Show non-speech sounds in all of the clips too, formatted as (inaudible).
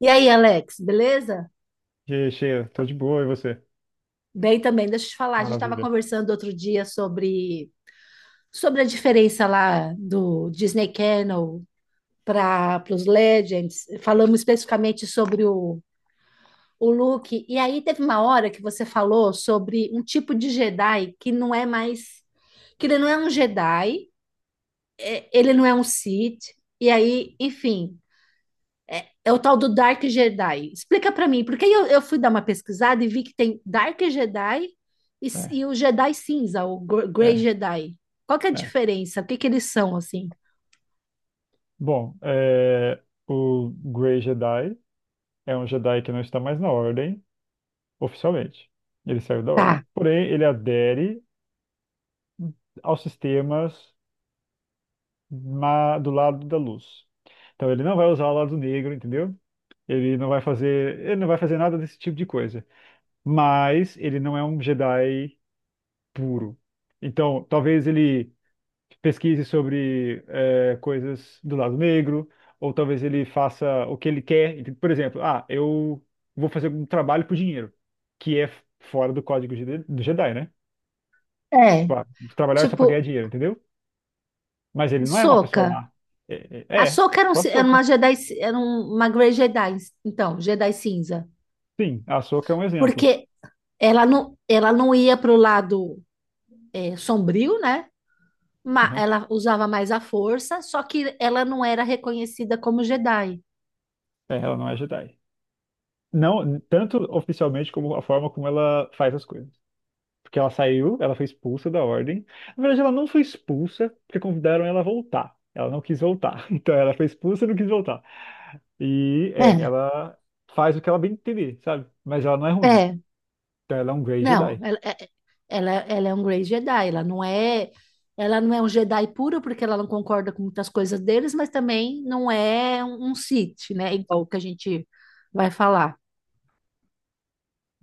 E aí, Alex, beleza? Cheia, tô de boa, e você? Bem também, deixa eu te falar, a gente estava Maravilha. conversando outro dia sobre a diferença lá do Disney Channel para os Legends. Falamos especificamente sobre o Luke, e aí teve uma hora que você falou sobre um tipo de Jedi que não é mais, que ele não é um Jedi, ele não é um Sith, e aí, enfim, é o tal do Dark Jedi. Explica para mim, porque eu fui dar uma pesquisada e vi que tem Dark Jedi e, É, e o Jedi Cinza, o Grey é, Jedi. Qual que é a é. diferença? O que que eles são, assim? Bom, o Grey Jedi é um Jedi que não está mais na Ordem, oficialmente. Ele saiu da Ordem. Tá, Porém, ele adere aos sistemas do lado da luz. Então, ele não vai usar o lado negro, entendeu? Ele não vai fazer nada desse tipo de coisa. Mas ele não é um Jedi puro. Então, talvez ele pesquise sobre coisas do lado negro, ou talvez ele faça o que ele quer. Então, por exemplo, ah, eu vou fazer um trabalho por dinheiro, que é fora do do Jedi, né? é. Tipo, ah, trabalhar só pra ganhar Tipo, dinheiro, entendeu? Mas ele não é uma pessoa Ahsoka. má. É, A é, é, Ahsoka era, um, tipo a era uma Ahsoka. Jedi, era uma Grey Jedi, então, Jedi Cinza. Sim, a Ahsoka é um exemplo. Porque ela não ia pro lado é, sombrio, né? Aham. Ela usava mais a força, só que ela não era reconhecida como Jedi. É, ela não é Jedi. Não, tanto oficialmente como a forma como ela faz as coisas. Porque ela saiu, ela foi expulsa da ordem. Na verdade, ela não foi expulsa, porque convidaram ela a voltar. Ela não quis voltar. (laughs) Então, ela foi expulsa e não quis voltar. E, é, É. ela faz o que ela bem entender, sabe? Mas ela não é ruim. É, Então, ela é um Grey não, Jedi. É, ela é um Grey Jedi, ela não é um Jedi puro porque ela não concorda com muitas coisas deles, mas também não é um Sith, né? Igual que a gente vai falar.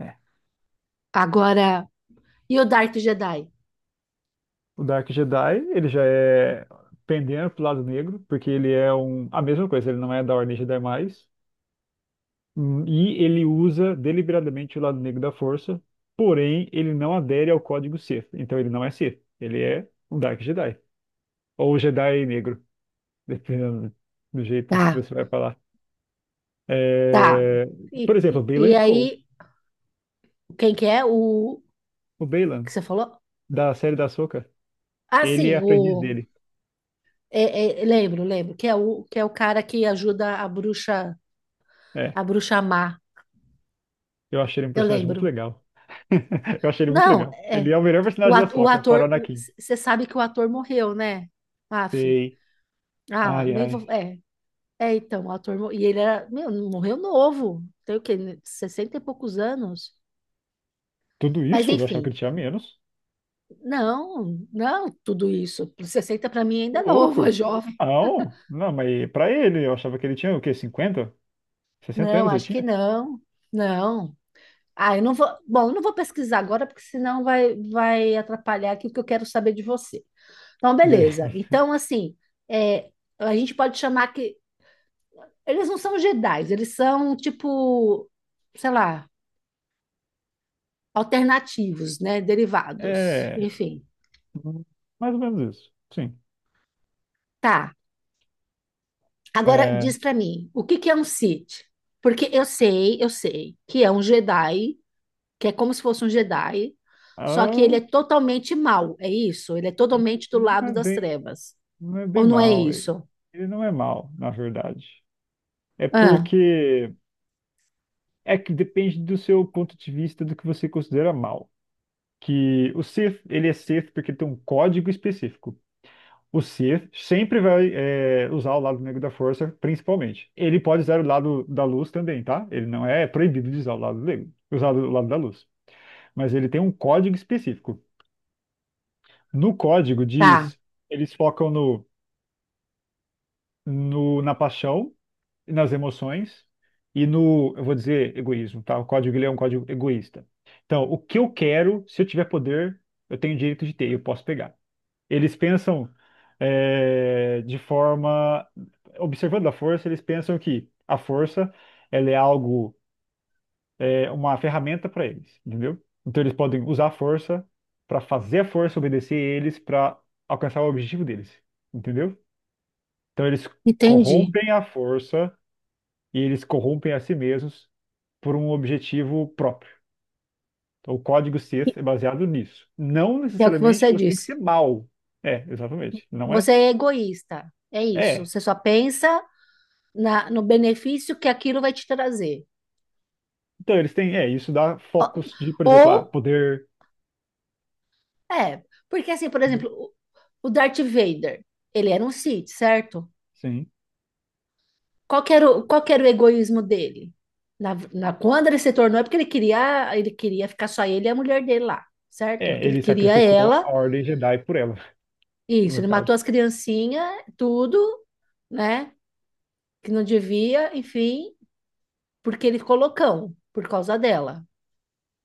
É. Agora, e o Dark Jedi? O Dark Jedi, ele já é pendendo pro lado negro, porque ele é um... A mesma coisa, ele não é da Ordem Jedi mais. E ele usa deliberadamente o lado negro da força, porém, ele não adere ao código Sith. Então, ele não é Sith. Ele é um Dark Jedi. Ou Jedi negro, (laughs) dependendo do jeito que Tá, você vai falar. tá. É, E, por exemplo, e, Baylan e Skoll. aí, quem que é? O O Baylan, que você falou? da série da Ahsoka, Ah, ele é sim, aprendiz o dele. É, lembro, lembro, que é o cara que ajuda É, a bruxa má. eu achei ele um Eu personagem muito lembro. legal. (laughs) Eu achei ele muito Não, legal. Ele é, é o melhor o, personagem da o Ahsoka, fora o ator, Anakin. você sabe que o ator morreu, né? Aff. Sei. Ah, Ai, nem vou. ai. É, é então, e ele era. Meu, morreu novo. Tem o quê? 60 e poucos anos. Tudo Mas isso? Eu achava que enfim, ele tinha menos. não, não, tudo isso. Sessenta para mim ainda é Ô, novo, (laughs) é louco. jovem. Não, não, mas pra ele, eu achava que ele tinha o quê? Cinquenta, sessenta Não, anos ele acho que tinha? não. Não. Ah, eu não vou. Bom, eu não vou pesquisar agora, porque senão vai atrapalhar aqui o que eu quero saber de você. Então, Beleza. beleza. (laughs) Então, assim, é, a gente pode chamar que eles não são Jedi, eles são tipo, sei lá, alternativos, né? Derivados. É, Enfim. hum, mais ou menos isso. Sim. Tá. Agora É, diz pra mim, o que que é um Sith? Porque eu sei que é um Jedi, que é como se fosse um Jedi, só que ele Ah, é totalmente mau, é isso? Ele é totalmente do não lado é das bem, trevas. não é bem Ou não é mal. Isso? Ele não é mal, na verdade. É Ah, porque é que depende do seu ponto de vista do que você considera mal. Que o Sith, ele é Sith porque tem um código específico. O Sith sempre vai usar o lado negro da força, principalmente. Ele pode usar o lado da luz também, tá? Ele não é proibido de usar o lado negro, usar o lado da luz. Mas ele tem um código específico. No código tá. diz, eles focam no, no, na paixão nas emoções e no, eu vou dizer, egoísmo, tá? O código ele é um código egoísta. Então, o que eu quero, se eu tiver poder, eu tenho direito de ter, eu posso pegar. Eles pensam de forma, observando a força, eles pensam que a força, ela é algo, é uma ferramenta para eles, entendeu? Então, eles podem usar a força para fazer a força obedecer eles para alcançar o objetivo deles, entendeu? Então, eles Entendi. corrompem a força e eles corrompem a si mesmos por um objetivo próprio. Então, o código E- Sith é baseado nisso. Não É o que necessariamente você você tem que disse. ser mal. É, exatamente. Não é? Você é egoísta, é isso. É. Você só pensa no benefício que aquilo vai te trazer. Então, eles têm. É, isso dá Ó, focos de, por exemplo, ah, ou, poder. é, porque assim, por exemplo, o Darth Vader, ele era um Sith, certo? Sim. Qual que era qual que era o egoísmo dele? Quando ele se tornou, é porque ele queria ficar só ele e a mulher dele lá, certo? É, Que ele ele queria sacrificou ela, a Ordem Jedi por ela, (laughs) isso, no ele caso. matou as criancinhas, tudo, né? Que não devia, enfim, porque ele ficou loucão por causa dela.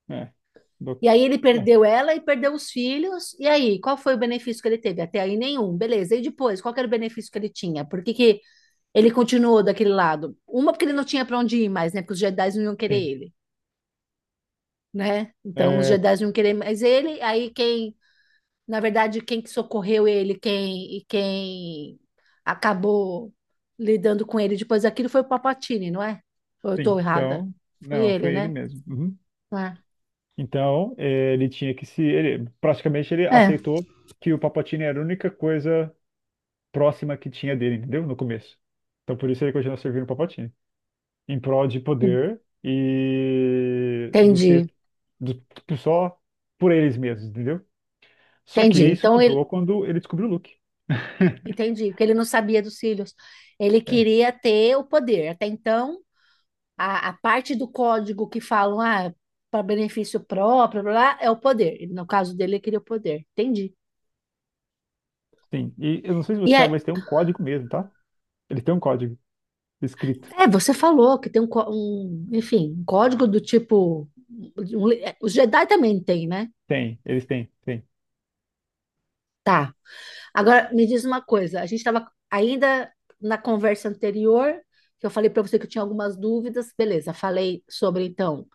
É. Do- E aí ele é, perdeu ela e perdeu os filhos. E aí, qual foi o benefício que ele teve? Até aí nenhum, beleza. E depois, qual que era o benefício que ele tinha? Por que que ele continuou daquele lado? Uma, porque ele não tinha para onde ir mais, né? Porque os Jedi não iam querer sim. ele, né? Então os É, Jedi não iam querer mais ele. Aí quem que socorreu ele, quem e quem acabou lidando com ele depois daquilo foi o Papatini, não é? Ou eu tô sim. errada? Então, Foi não, ele, foi ele né? mesmo. Uhum. É. Então, é, ele tinha que se. Ele, praticamente, ele É, aceitou que o Palpatine era a única coisa próxima que tinha dele, entendeu? No começo. Então por isso ele continua servindo o Palpatine. Em prol de poder e do entendi. ser do, só por eles mesmos, entendeu? Só que Entendi. isso Então ele mudou quando ele descobriu o Luke. Entendi, porque ele não sabia dos cílios. Ele É, queria ter o poder. Até então, a parte do código que falam, ah, para benefício próprio, blá, blá, é o poder. E no caso dele, ele queria o poder. Entendi. sim. E eu não sei se E você sabe, é, mas tem um código mesmo, tá? Eles têm um código escrito. é, você falou que tem um, um, enfim, um código do tipo. É, os Jedi também tem, né? Tem. Tá. Agora, me diz uma coisa. A gente estava ainda na conversa anterior, que eu falei para você que eu tinha algumas dúvidas. Beleza, falei sobre, então,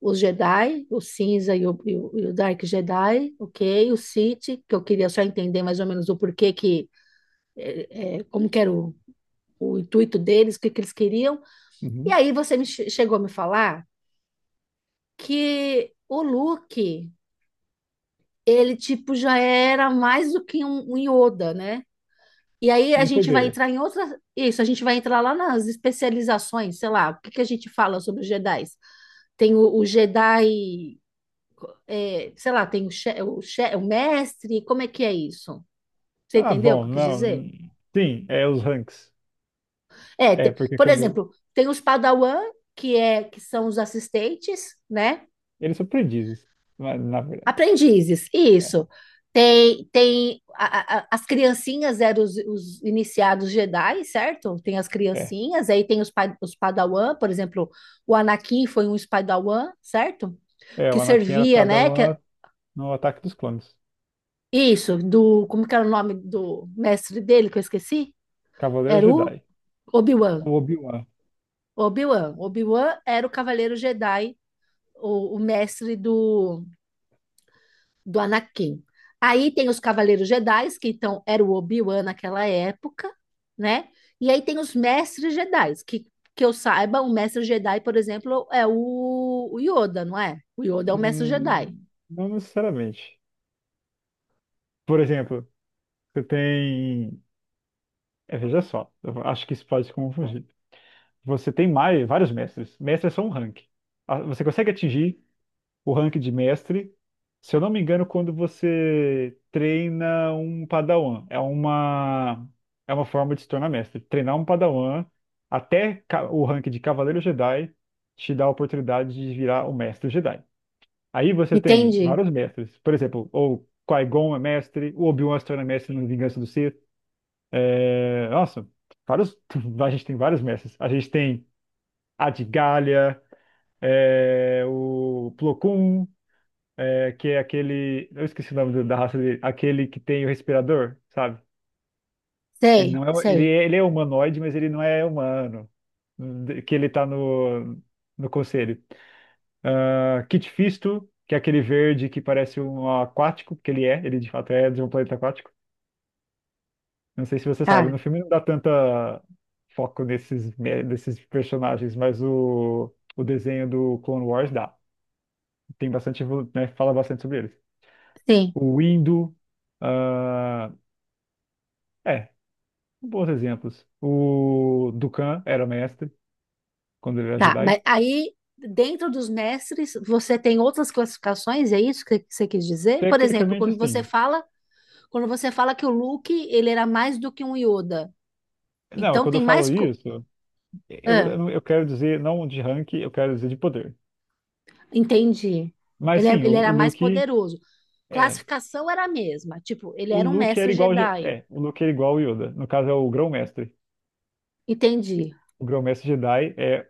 os Jedi, o cinza e o Dark Jedi, ok? O Sith, que eu queria só entender mais ou menos o porquê que, é, como que era o intuito deles, que eles queriam. E Uhum. aí você me chegou a me falar que o Luke, ele tipo já era mais do que um Yoda, né? E aí a Em gente vai poder. entrar em outra, isso, a gente vai entrar lá nas especializações, sei lá, o que que a gente fala sobre os Jedi? Tem o Jedi é, sei lá, tem o, o mestre, como é que é isso? Você Ah, entendeu o que bom, eu quis dizer? não. Sim, é os ranks. É, É, porque por quando. exemplo, tem os Padawan, que é que são os assistentes, né? Eles são aprendizes, na verdade. Aprendizes, É, isso. Tem as criancinhas eram os iniciados Jedi, certo? Tem as é. criancinhas, aí tem os, os Padawan, por exemplo, o Anakin foi um Padawan, certo? É, Que o Anakin era servia, né? É, padawan, no Ataque dos Clones. isso, do, como que era o nome do mestre dele que eu esqueci? Cavaleiro Era o Jedi. Obi-Wan. O Obi-Wan. Obi-Wan. Obi-Wan era o Cavaleiro Jedi, o mestre do Anakin. Aí tem os Cavaleiros Jedi, que então era o Obi-Wan naquela época, né? E aí tem os Mestres Jedi, que eu saiba, o Mestre Jedi, por exemplo, é o Yoda, não é? O Yoda é o Mestre Jedi. Não necessariamente. Por exemplo, você tem. É, veja só, eu acho que isso pode se confundir. Você tem mais, vários mestres. Mestres são um rank. Ah, você consegue atingir o rank de mestre, se eu não me engano, quando você treina um Padawan. É uma forma de se tornar mestre. Treinar um Padawan até o rank de Cavaleiro Jedi te dá a oportunidade de virar o mestre Jedi. Aí você tem Entende? vários mestres. Por exemplo, o Qui-Gon é mestre, o Obi-Wan se torna mestre no Vingança do Sith. É, nossa, vários... (laughs) A gente tem vários mestres. A gente tem a de Galha, é, o Plo Koon, é, que é aquele... Eu esqueci o nome da raça dele. Aquele que tem o respirador, sabe? Ele Sei, não é... sei. Ele é humanoide, mas ele não é humano. Que ele tá no conselho. Ah, Kit Fisto, que é aquele verde que parece um aquático, porque ele de fato é de um planeta aquático. Não sei se você sabe, no Ah, filme não dá tanta foco nesses, desses personagens, mas o desenho do Clone Wars dá. Tem bastante, né, fala bastante sobre eles. sim. O Windu, ah, é, bons exemplos. O Dukan era mestre, quando ele era Tá, mas Jedi. aí dentro dos mestres você tem outras classificações, é isso que você quis dizer? Por exemplo, Tecnicamente, assim. Quando você fala que o Luke, ele era mais do que um Yoda. Não, Então quando eu tem falo mais co- isso, ah, eu quero dizer não de rank, eu quero dizer de poder. entendi. Mas Ele, sim, ele o era mais Luke poderoso. é, Classificação era a mesma, tipo, ele o era um Luke mestre era igual, Jedi. O Luke era igual ao Yoda. No caso é o Grão-Mestre. Entendi. O Grão-Mestre Jedi é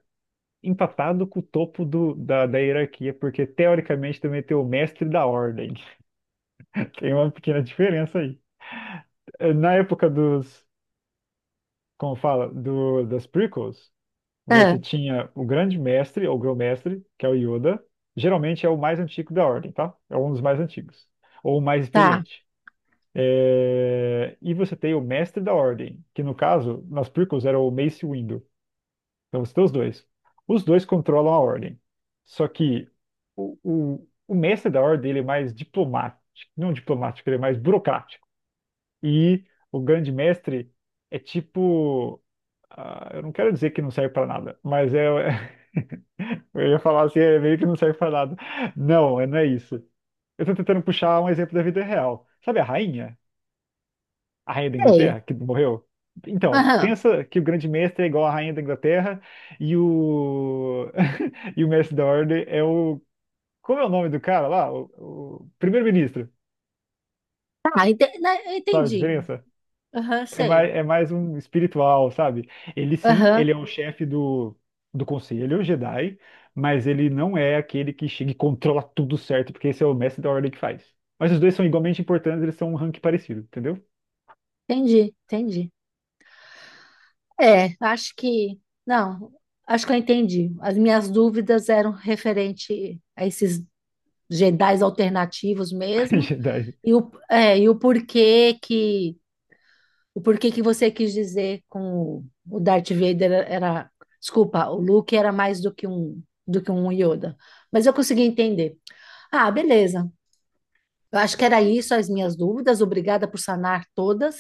empatado com o topo da hierarquia, porque teoricamente também tem o Mestre da Ordem. (laughs) Tem uma pequena diferença aí. Na época como fala, das prequels, Ah, você tinha o Grande Mestre ou Grão-Mestre, que é o Yoda. Geralmente é o mais antigo da Ordem, tá? É um dos mais antigos ou o mais tá, experiente. É, e você tem o mestre da ordem, que no caso, nas prequels era o Mace Windu. Então você tem os dois. Os dois controlam a ordem. Só que o mestre da ordem ele é mais diplomático, não diplomático, ele é mais burocrático. E o grande mestre é tipo, ah, eu não quero dizer que não serve para nada, mas é, (laughs) eu ia falar assim, é meio que não serve para nada. Não, é, não é isso. Eu tô tentando puxar um exemplo da vida real. Sabe a rainha? A rainha da sei. Inglaterra, que morreu? Então, Aham. pensa que o grande mestre é igual à rainha da Inglaterra e o (laughs) e o mestre da ordem é o como é o nome do cara lá? O primeiro-ministro. Tá, né, Sabe a entendi. diferença? Aham, sei. É mais um espiritual, sabe? Aham, Ele é o chefe do conselho Jedi, mas ele não é aquele que chega e controla tudo certo, porque esse é o mestre da ordem que faz. Mas os dois são igualmente importantes, eles são um rank parecido, entendeu? entendi, entendi. É, acho que. Não, acho que eu entendi. As minhas dúvidas eram referente a esses Jedis alternativos (laughs) mesmo, Jedi. e é, e o porquê que. O porquê que você quis dizer com o Darth Vader era. Desculpa, o Luke era mais do que do que um Yoda. Mas eu consegui entender. Ah, beleza. Eu acho que era isso as minhas dúvidas. Obrigada por sanar todas.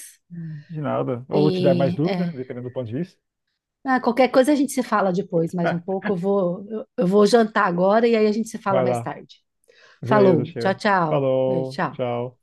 De nada. Ou te dar mais E dúvidas, é, dependendo do ponto de vista. (laughs) ah, qualquer coisa a gente se fala depois, mais um pouco. Eu vou jantar agora e aí a gente se fala Vai mais lá. tarde. Beleza, Falou, tchau, chega. tchau. Falou, Tchau. tchau.